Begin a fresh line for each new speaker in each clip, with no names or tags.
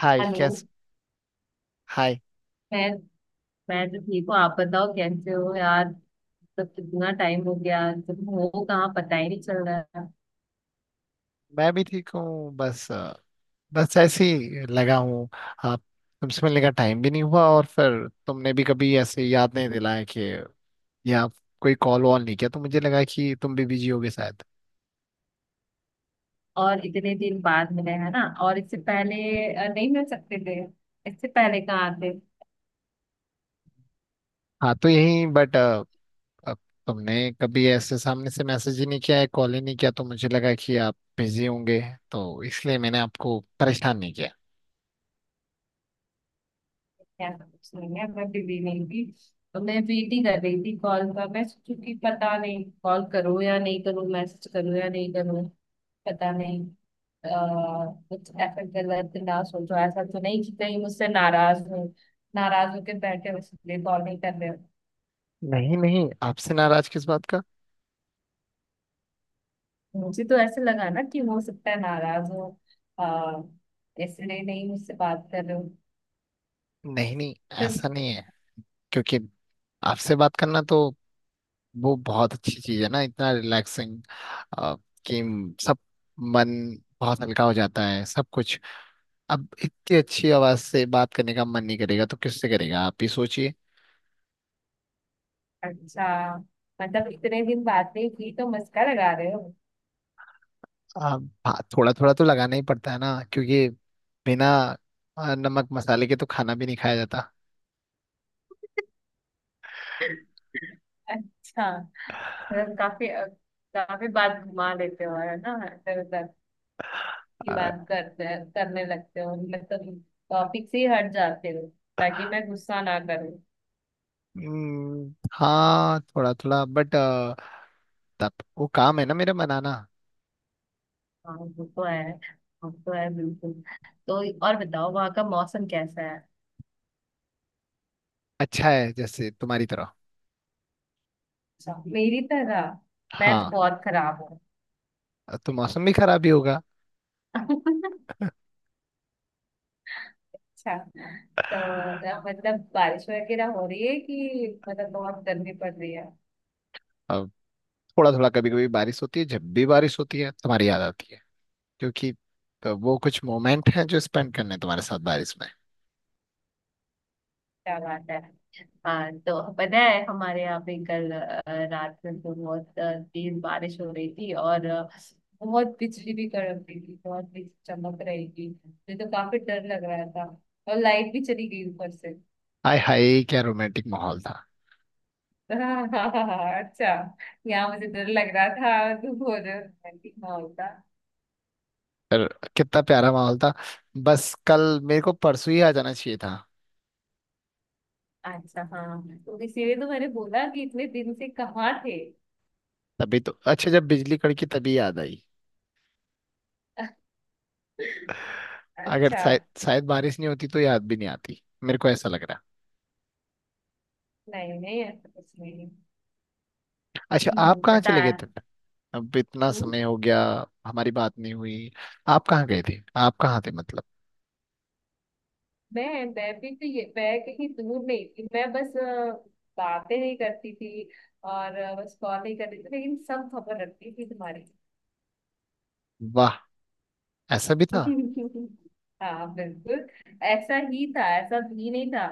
हाय
hello.
कैस। Hi.
मैं मैं तो ठीक हूँ। आप बताओ कैसे हो यार। तब कितना टाइम हो गया। तुम हो कहाँ, पता ही नहीं चल रहा है।
मैं भी ठीक हूँ बस बस ऐसे ही लगा हूँ। आप तुमसे मिलने का टाइम भी नहीं हुआ और फिर तुमने भी कभी ऐसे याद नहीं दिलाया कि या कोई कॉल वॉल नहीं किया तो मुझे लगा कि तुम भी बिजी होगे शायद।
और इतने दिन बाद मिले है ना, और इससे पहले नहीं मिल सकते थे? इससे पहले कहाँ आते।
हाँ तो यही बट तुमने कभी ऐसे सामने से मैसेज ही नहीं किया है कॉल ही नहीं किया तो मुझे लगा कि आप बिजी होंगे तो इसलिए मैंने आपको परेशान नहीं किया।
ऐसा कुछ नहीं है, मैं बिजी नहीं थी। तो मैं वेट ही कर रही थी कॉल का। मैं सोचू कि पता नहीं कॉल करूँ या नहीं करूँ, मैसेज करूँ या नहीं करूँ। पता नहीं। कुछ ऐसा गलत ना सोचो। ऐसा तो नहीं कि कहीं मुझसे नाराज हो, नाराज होकर बैठे हो इसलिए कॉल नहीं कर रहे हो।
नहीं नहीं आपसे नाराज किस बात का।
मुझे तो ऐसे लगा ना कि हो सकता है नाराज हो, अह इसलिए नहीं मुझसे बात कर रहे हो।
नहीं नहीं
फिर।
ऐसा नहीं है क्योंकि आपसे बात करना तो वो बहुत अच्छी चीज है ना, इतना रिलैक्सिंग कि सब मन बहुत हल्का हो जाता है सब कुछ। अब इतनी अच्छी आवाज से बात करने का मन नहीं करेगा तो किससे करेगा आप ही सोचिए।
अच्छा, मतलब इतने दिन बात नहीं की तो मस्का लगा रहे हो।
आप थोड़ा थोड़ा तो लगाना ही पड़ता है ना, क्योंकि बिना नमक मसाले के तो खाना भी नहीं खाया जाता।
अच्छा, मतलब काफी काफी बात घुमा देते हो है ना, इधर उधर की
अ,
बात करते करने लगते हो। मतलब टॉपिक से ही हट जाते हो ताकि मैं गुस्सा ना करूं।
हाँ थोड़ा थोड़ा बट तब वो काम है ना मेरा बनाना।
हाँ वो तो है, वो तो है बिल्कुल। तो और बताओ वहाँ का मौसम कैसा है।
अच्छा है जैसे तुम्हारी तरह।
अच्छा, मेरी तरह। मैं तो
हाँ
बहुत खराब हूँ।
तो मौसम भी खराब ही होगा।
अच्छा, तो मतलब बारिश वगैरह हो रही है कि मतलब बहुत गर्मी पड़ रही है।
थोड़ा थोड़ा, कभी कभी बारिश होती है, जब भी बारिश होती है तुम्हारी याद आती है क्योंकि तो वो कुछ मोमेंट हैं जो स्पेंड करने हैं तुम्हारे साथ बारिश में।
क्या बात है। हाँ तो पता है हमारे यहाँ पे कल रात में तो बहुत तेज बारिश हो रही थी, और बहुत बिजली भी कड़क रही थी, बहुत बिजली चमक रही थी, मुझे तो काफी डर लग रहा था। और लाइट भी चली गई ऊपर से।
हाय हाय क्या रोमांटिक माहौल था।
हाँ हाँ हाँ हाँ, अच्छा। यहाँ मुझे डर लग रहा था तू बोल रहे हो कि हाँ होता।
पर कितना प्यारा माहौल था, बस कल मेरे को परसों ही आ जाना चाहिए था।
अच्छा, हाँ तो इसीलिए तो मैंने बोला कि इतने दिन से कहाँ थे।
तभी तो अच्छा, जब बिजली कड़की तभी याद आई। अगर
अच्छा।
शायद शायद बारिश नहीं होती तो याद भी नहीं आती, मेरे को ऐसा लग रहा है।
नहीं नहीं ऐसा कुछ नहीं।
अच्छा आप कहाँ
पता
चले
है।
गए थे। अब इतना
हम्म।
समय हो गया, हमारी बात नहीं हुई। आप कहाँ गए थे, आप कहाँ थे मतलब।
मैं भी तो ये, मैं कहीं दूर नहीं थी। मैं बस बातें नहीं करती थी। और बस कॉल नहीं करती थी, लेकिन सब खबर रखती थी तुम्हारी।
वाह, ऐसा भी था।
हाँ बिल्कुल। ऐसा ही था, ऐसा भी नहीं था।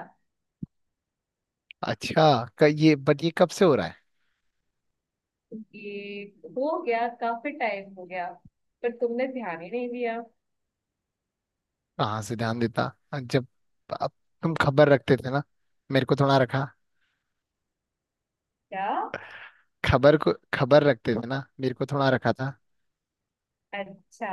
अच्छा क, ये बट ये कब से हो रहा है।
कि हो गया, काफी टाइम हो गया। पर तुमने ध्यान ही नहीं दिया।
कहाँ से ध्यान देता, जब अब तुम खबर रखते थे ना, मेरे को थोड़ा रखा।
क्या।
खबर को खबर रखते थे ना, मेरे को थोड़ा रखा था।
अच्छा,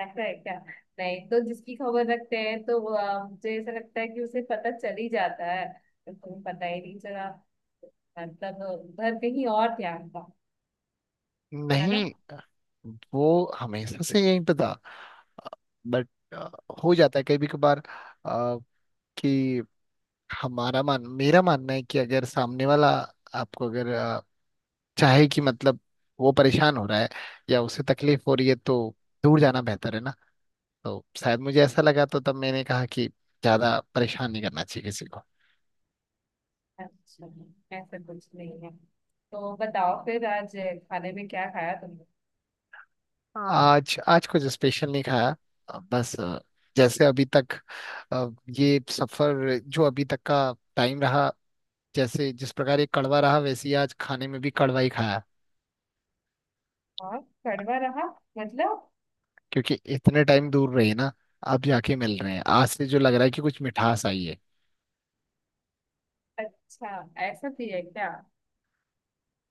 ऐसा है क्या। नहीं तो जिसकी खबर रखते हैं तो वो, मुझे ऐसा लगता है कि उसे पता चल ही जाता है। उसको पता ही नहीं चला, मतलब उधर कहीं और ध्यान था है ना।
नहीं, वो हमेशा से यहीं पे था बट हो जाता है कभी कभार अ, कि हमारा मान मेरा मानना है कि अगर सामने वाला आपको अगर चाहे कि मतलब वो परेशान हो रहा है या उसे तकलीफ हो रही है तो दूर जाना बेहतर है ना। तो शायद मुझे ऐसा लगा तो तब मैंने कहा कि ज्यादा परेशान नहीं करना चाहिए किसी को।
अच्छा, ऐसा कुछ नहीं है। तो बताओ फिर आज खाने में क्या खाया तुमने।
हाँ। आज आज कुछ स्पेशल नहीं खाया। बस जैसे अभी तक अ, ये सफर जो अभी तक का टाइम रहा, जैसे जिस प्रकार ये कड़वा रहा वैसे ही आज खाने में भी कड़वा ही खाया।
और कड़वा रहा मतलब।
क्योंकि इतने टाइम दूर रहे ना, अब जाके मिल रहे हैं आज से जो लग रहा है कि कुछ मिठास आई है।
अच्छा, ऐसा भी है क्या।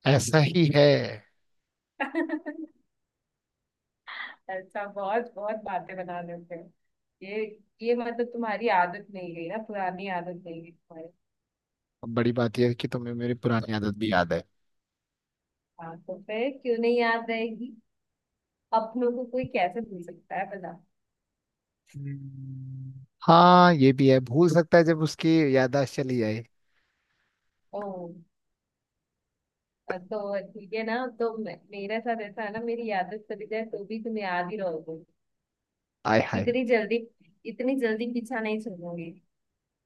ऐसा ही है।
अच्छा, बहुत बहुत बातें बना लेते हो। ये ये मतलब तुम्हारी आदत नहीं गई ना, पुरानी आदत नहीं गई।
अब बड़ी बात यह है कि तुम्हें मेरी पुरानी आदत भी याद है।
हाँ तो फिर क्यों नहीं याद रहेगी। अपनों को कोई कैसे भूल सकता है बता।
हम्म, हाँ ये भी है, भूल सकता है जब उसकी याददाश्त चली जाए।
ओ, तो ठीक है ना, तो मेरे साथ ऐसा है ना, मेरी यादें चली जाए तो भी तुम याद ही रहोगे।
आय हाय।
इतनी जल्दी, इतनी जल्दी पीछा नहीं छोड़ोगे।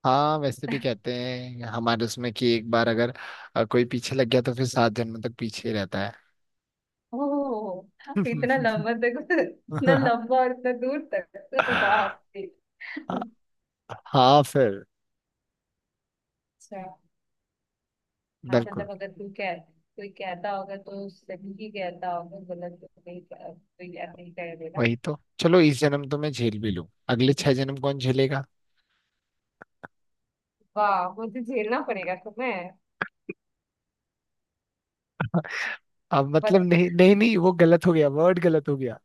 हाँ वैसे भी कहते हैं हमारे उसमें कि एक बार अगर कोई पीछे लग गया तो फिर सात जन्म तक पीछे ही रहता है।
ओह, तो इतना लंबा तक, इतना लंबा और इतना दूर तक तो बाप रे। अच्छा।
हाँ फिर।
हाँ
बिल्कुल।
मतलब अगर तू कह, कोई कहता होगा तो सही ही कहता होगा, गलत तो नहीं कोई ऐसे ही कह देगा।
वही तो, चलो इस जन्म तो मैं झेल भी लूं, अगले छह जन्म कौन झेलेगा।
वाह, मुझे झेलना पड़ेगा तुम्हें।
अब मतलब नहीं नहीं नहीं वो गलत हो गया, वर्ड गलत हो गया,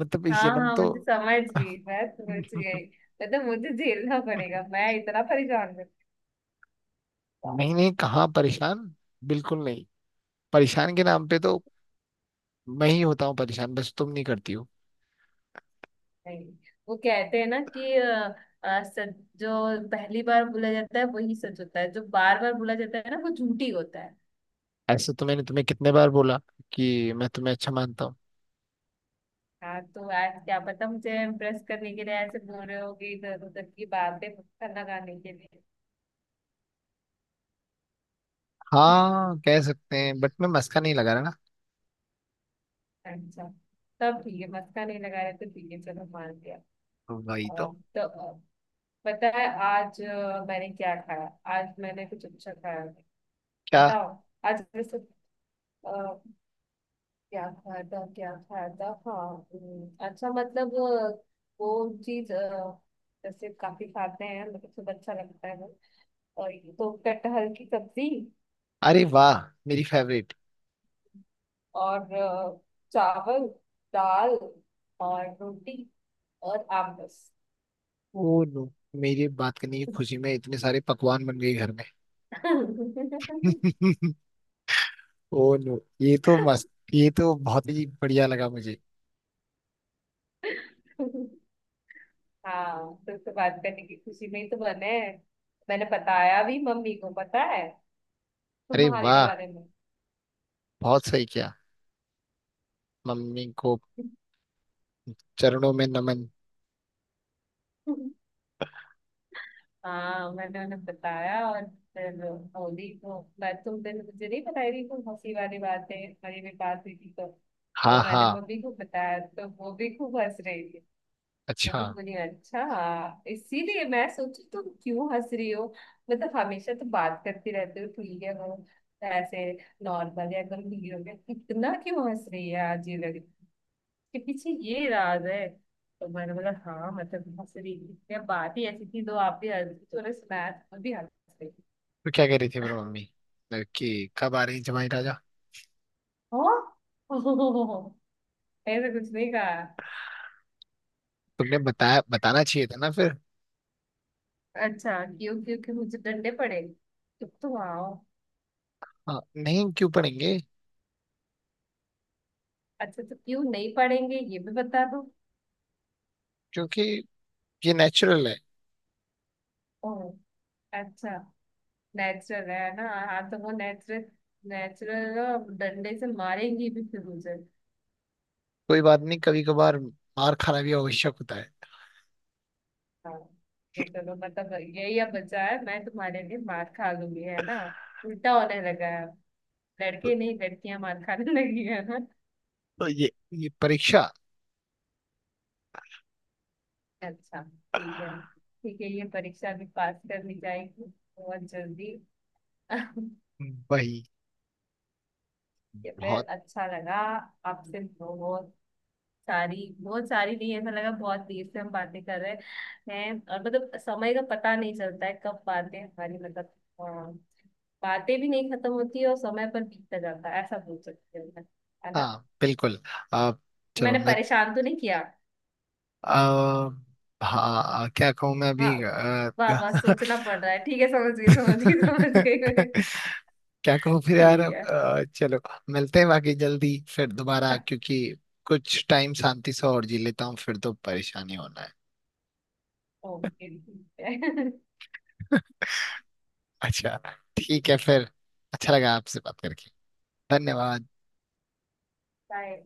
मतलब इस
हाँ
जन्म
हाँ,
तो।
मुझे समझ गई, मैं समझ गई। मतलब मुझे झेलना पड़ेगा, मैं इतना परेशान करता।
नहीं नहीं कहाँ परेशान, बिल्कुल नहीं। परेशान के नाम पे तो मैं ही होता हूँ परेशान, बस तुम नहीं करती हो।
नहीं, वो कहते हैं ना कि सच जो पहली बार बोला जाता है वही सच होता है, जो बार बार बोला जाता है ना वो झूठी होता है।
ऐसे तो मैंने तुम्हें कितने बार बोला कि मैं तुम्हें अच्छा मानता हूँ।
हाँ तो आज क्या पता मुझे इम्प्रेस करने के लिए ऐसे बोल रहे हो, कि इधर उधर की बातें मक्खन लगाने के लिए।
हाँ कह सकते हैं बट मैं मस्का नहीं लगा रहा ना।
अच्छा, तब ठीक है, मक्खन नहीं लगा रहे तो ठीक है, चलो मान लिया।
वही
और
तो।
तो पता है आज मैंने क्या खाया। आज मैंने कुछ अच्छा खाया नहीं।
क्या।
बताओ। आज वैसे अ, क्या खाया था, क्या खाया था, हाँ। अच्छा मतलब वो चीज जैसे काफी खाते हैं, मतलब सब अच्छा लगता है वो। और ये तो कटहल की सब्जी,
अरे वाह, मेरी फेवरेट।
और चावल, दाल, और रोटी, और आम बस।
ओ नो, मेरी बात करने की खुशी में इतने सारे पकवान बन गए घर में। ओ नो ये तो मस्त, ये तो बहुत ही बढ़िया लगा मुझे।
हाँ तुमसे बात करने की खुशी में ही तो बने हैं। मैंने बताया भी मम्मी को, पता है,
अरे
तुम्हारे
वाह,
बारे में।
बहुत सही किया। मम्मी को चरणों में नमन।
हाँ मैंने उन्हें बताया, और फिर बोली को मैं तुम दिन मुझे नहीं बताई थी, तुम हंसी वाली बातें हमारी भी बात हुई थी तो। तो
हाँ
मैंने
हाँ।
मम्मी को बताया तो वो भी खूब हंस रही थी।
अच्छा
बहुत बढ़िया। अच्छा, इसीलिए मैं सोची तुम क्यों हंस रही हो। मतलब हमेशा तो बात करती रहते हो ठीक है वो, ऐसे नॉर्मल, या गंभीर हो गया इतना क्यों हंस रही है आज, ये लग के पीछे ये राज है। तो मैंने बोला हाँ, मतलब हंस रही थी या बात ही ऐसी थी, तो आप भी हंस रही थी, उन्हें सुनाया तो मैं भी हंस रही थी।
तो क्या कह रही थी फिर मम्मी, कि कब आ रही जमाई राजा।
हाँ? ऐसा कुछ नहीं कहा।
तुमने बताया, बताना चाहिए था ना फिर।
अच्छा, क्यों क्यों क्यों, मुझे डंडे पड़े। तुम तो आओ।
हाँ नहीं क्यों पढ़ेंगे।
अच्छा, तो क्यों नहीं पढ़ेंगे ये भी बता दो।
क्योंकि ये नेचुरल है।
ओह, अच्छा, नेचुरल है ना, हाँ तो वो नेचुरल, नेचुरल डंडे से मारेंगी भी फिर मुझे।
कोई बात नहीं, कभी कभार मार खाना भी आवश्यक होता है।
हाँ, ये चलो मतलब यही अब बचा है, मैं तुम्हारे लिए मार खा लूंगी है ना। उल्टा होने लगा है अब।
तो,
लड़के नहीं, लड़कियां मार खाने लगी है ना।
तो ये परीक्षा।
अच्छा ठीक है ठीक है, ये परीक्षा भी पास कर ली जाएगी, बहुत जल्दी।
वही।
ये फिर
बहुत।
अच्छा लगा। आपसे बहुत सारी, बहुत सारी नहीं, ऐसा लगा बहुत देर से हम बातें कर रहे हैं, और मतलब समय का पता नहीं चलता है कब बातें हमारी मतलब, अ, बातें भी नहीं खत्म होती और समय पर बीतता जाता है, ऐसा बोल सकते हैं मैं, है ना।
हाँ बिल्कुल। आप, चलो
मैंने
मैं।
परेशान तो नहीं किया।
आ, हाँ क्या कहूँ मैं
हाँ,
अभी
वाह वाह, सोचना पड़ रहा है। ठीक है, समझ गई समझ गई समझ गई मैं।
क्या कहूँ फिर यार
ठीक
अब,
है।
चलो मिलते हैं बाकी जल्दी फिर दोबारा क्योंकि कुछ टाइम शांति से और जी लेता हूँ फिर तो परेशानी होना
ओके ठीक है।
है। अच्छा ठीक है फिर, अच्छा लगा आपसे बात करके। धन्यवाद।
बाय।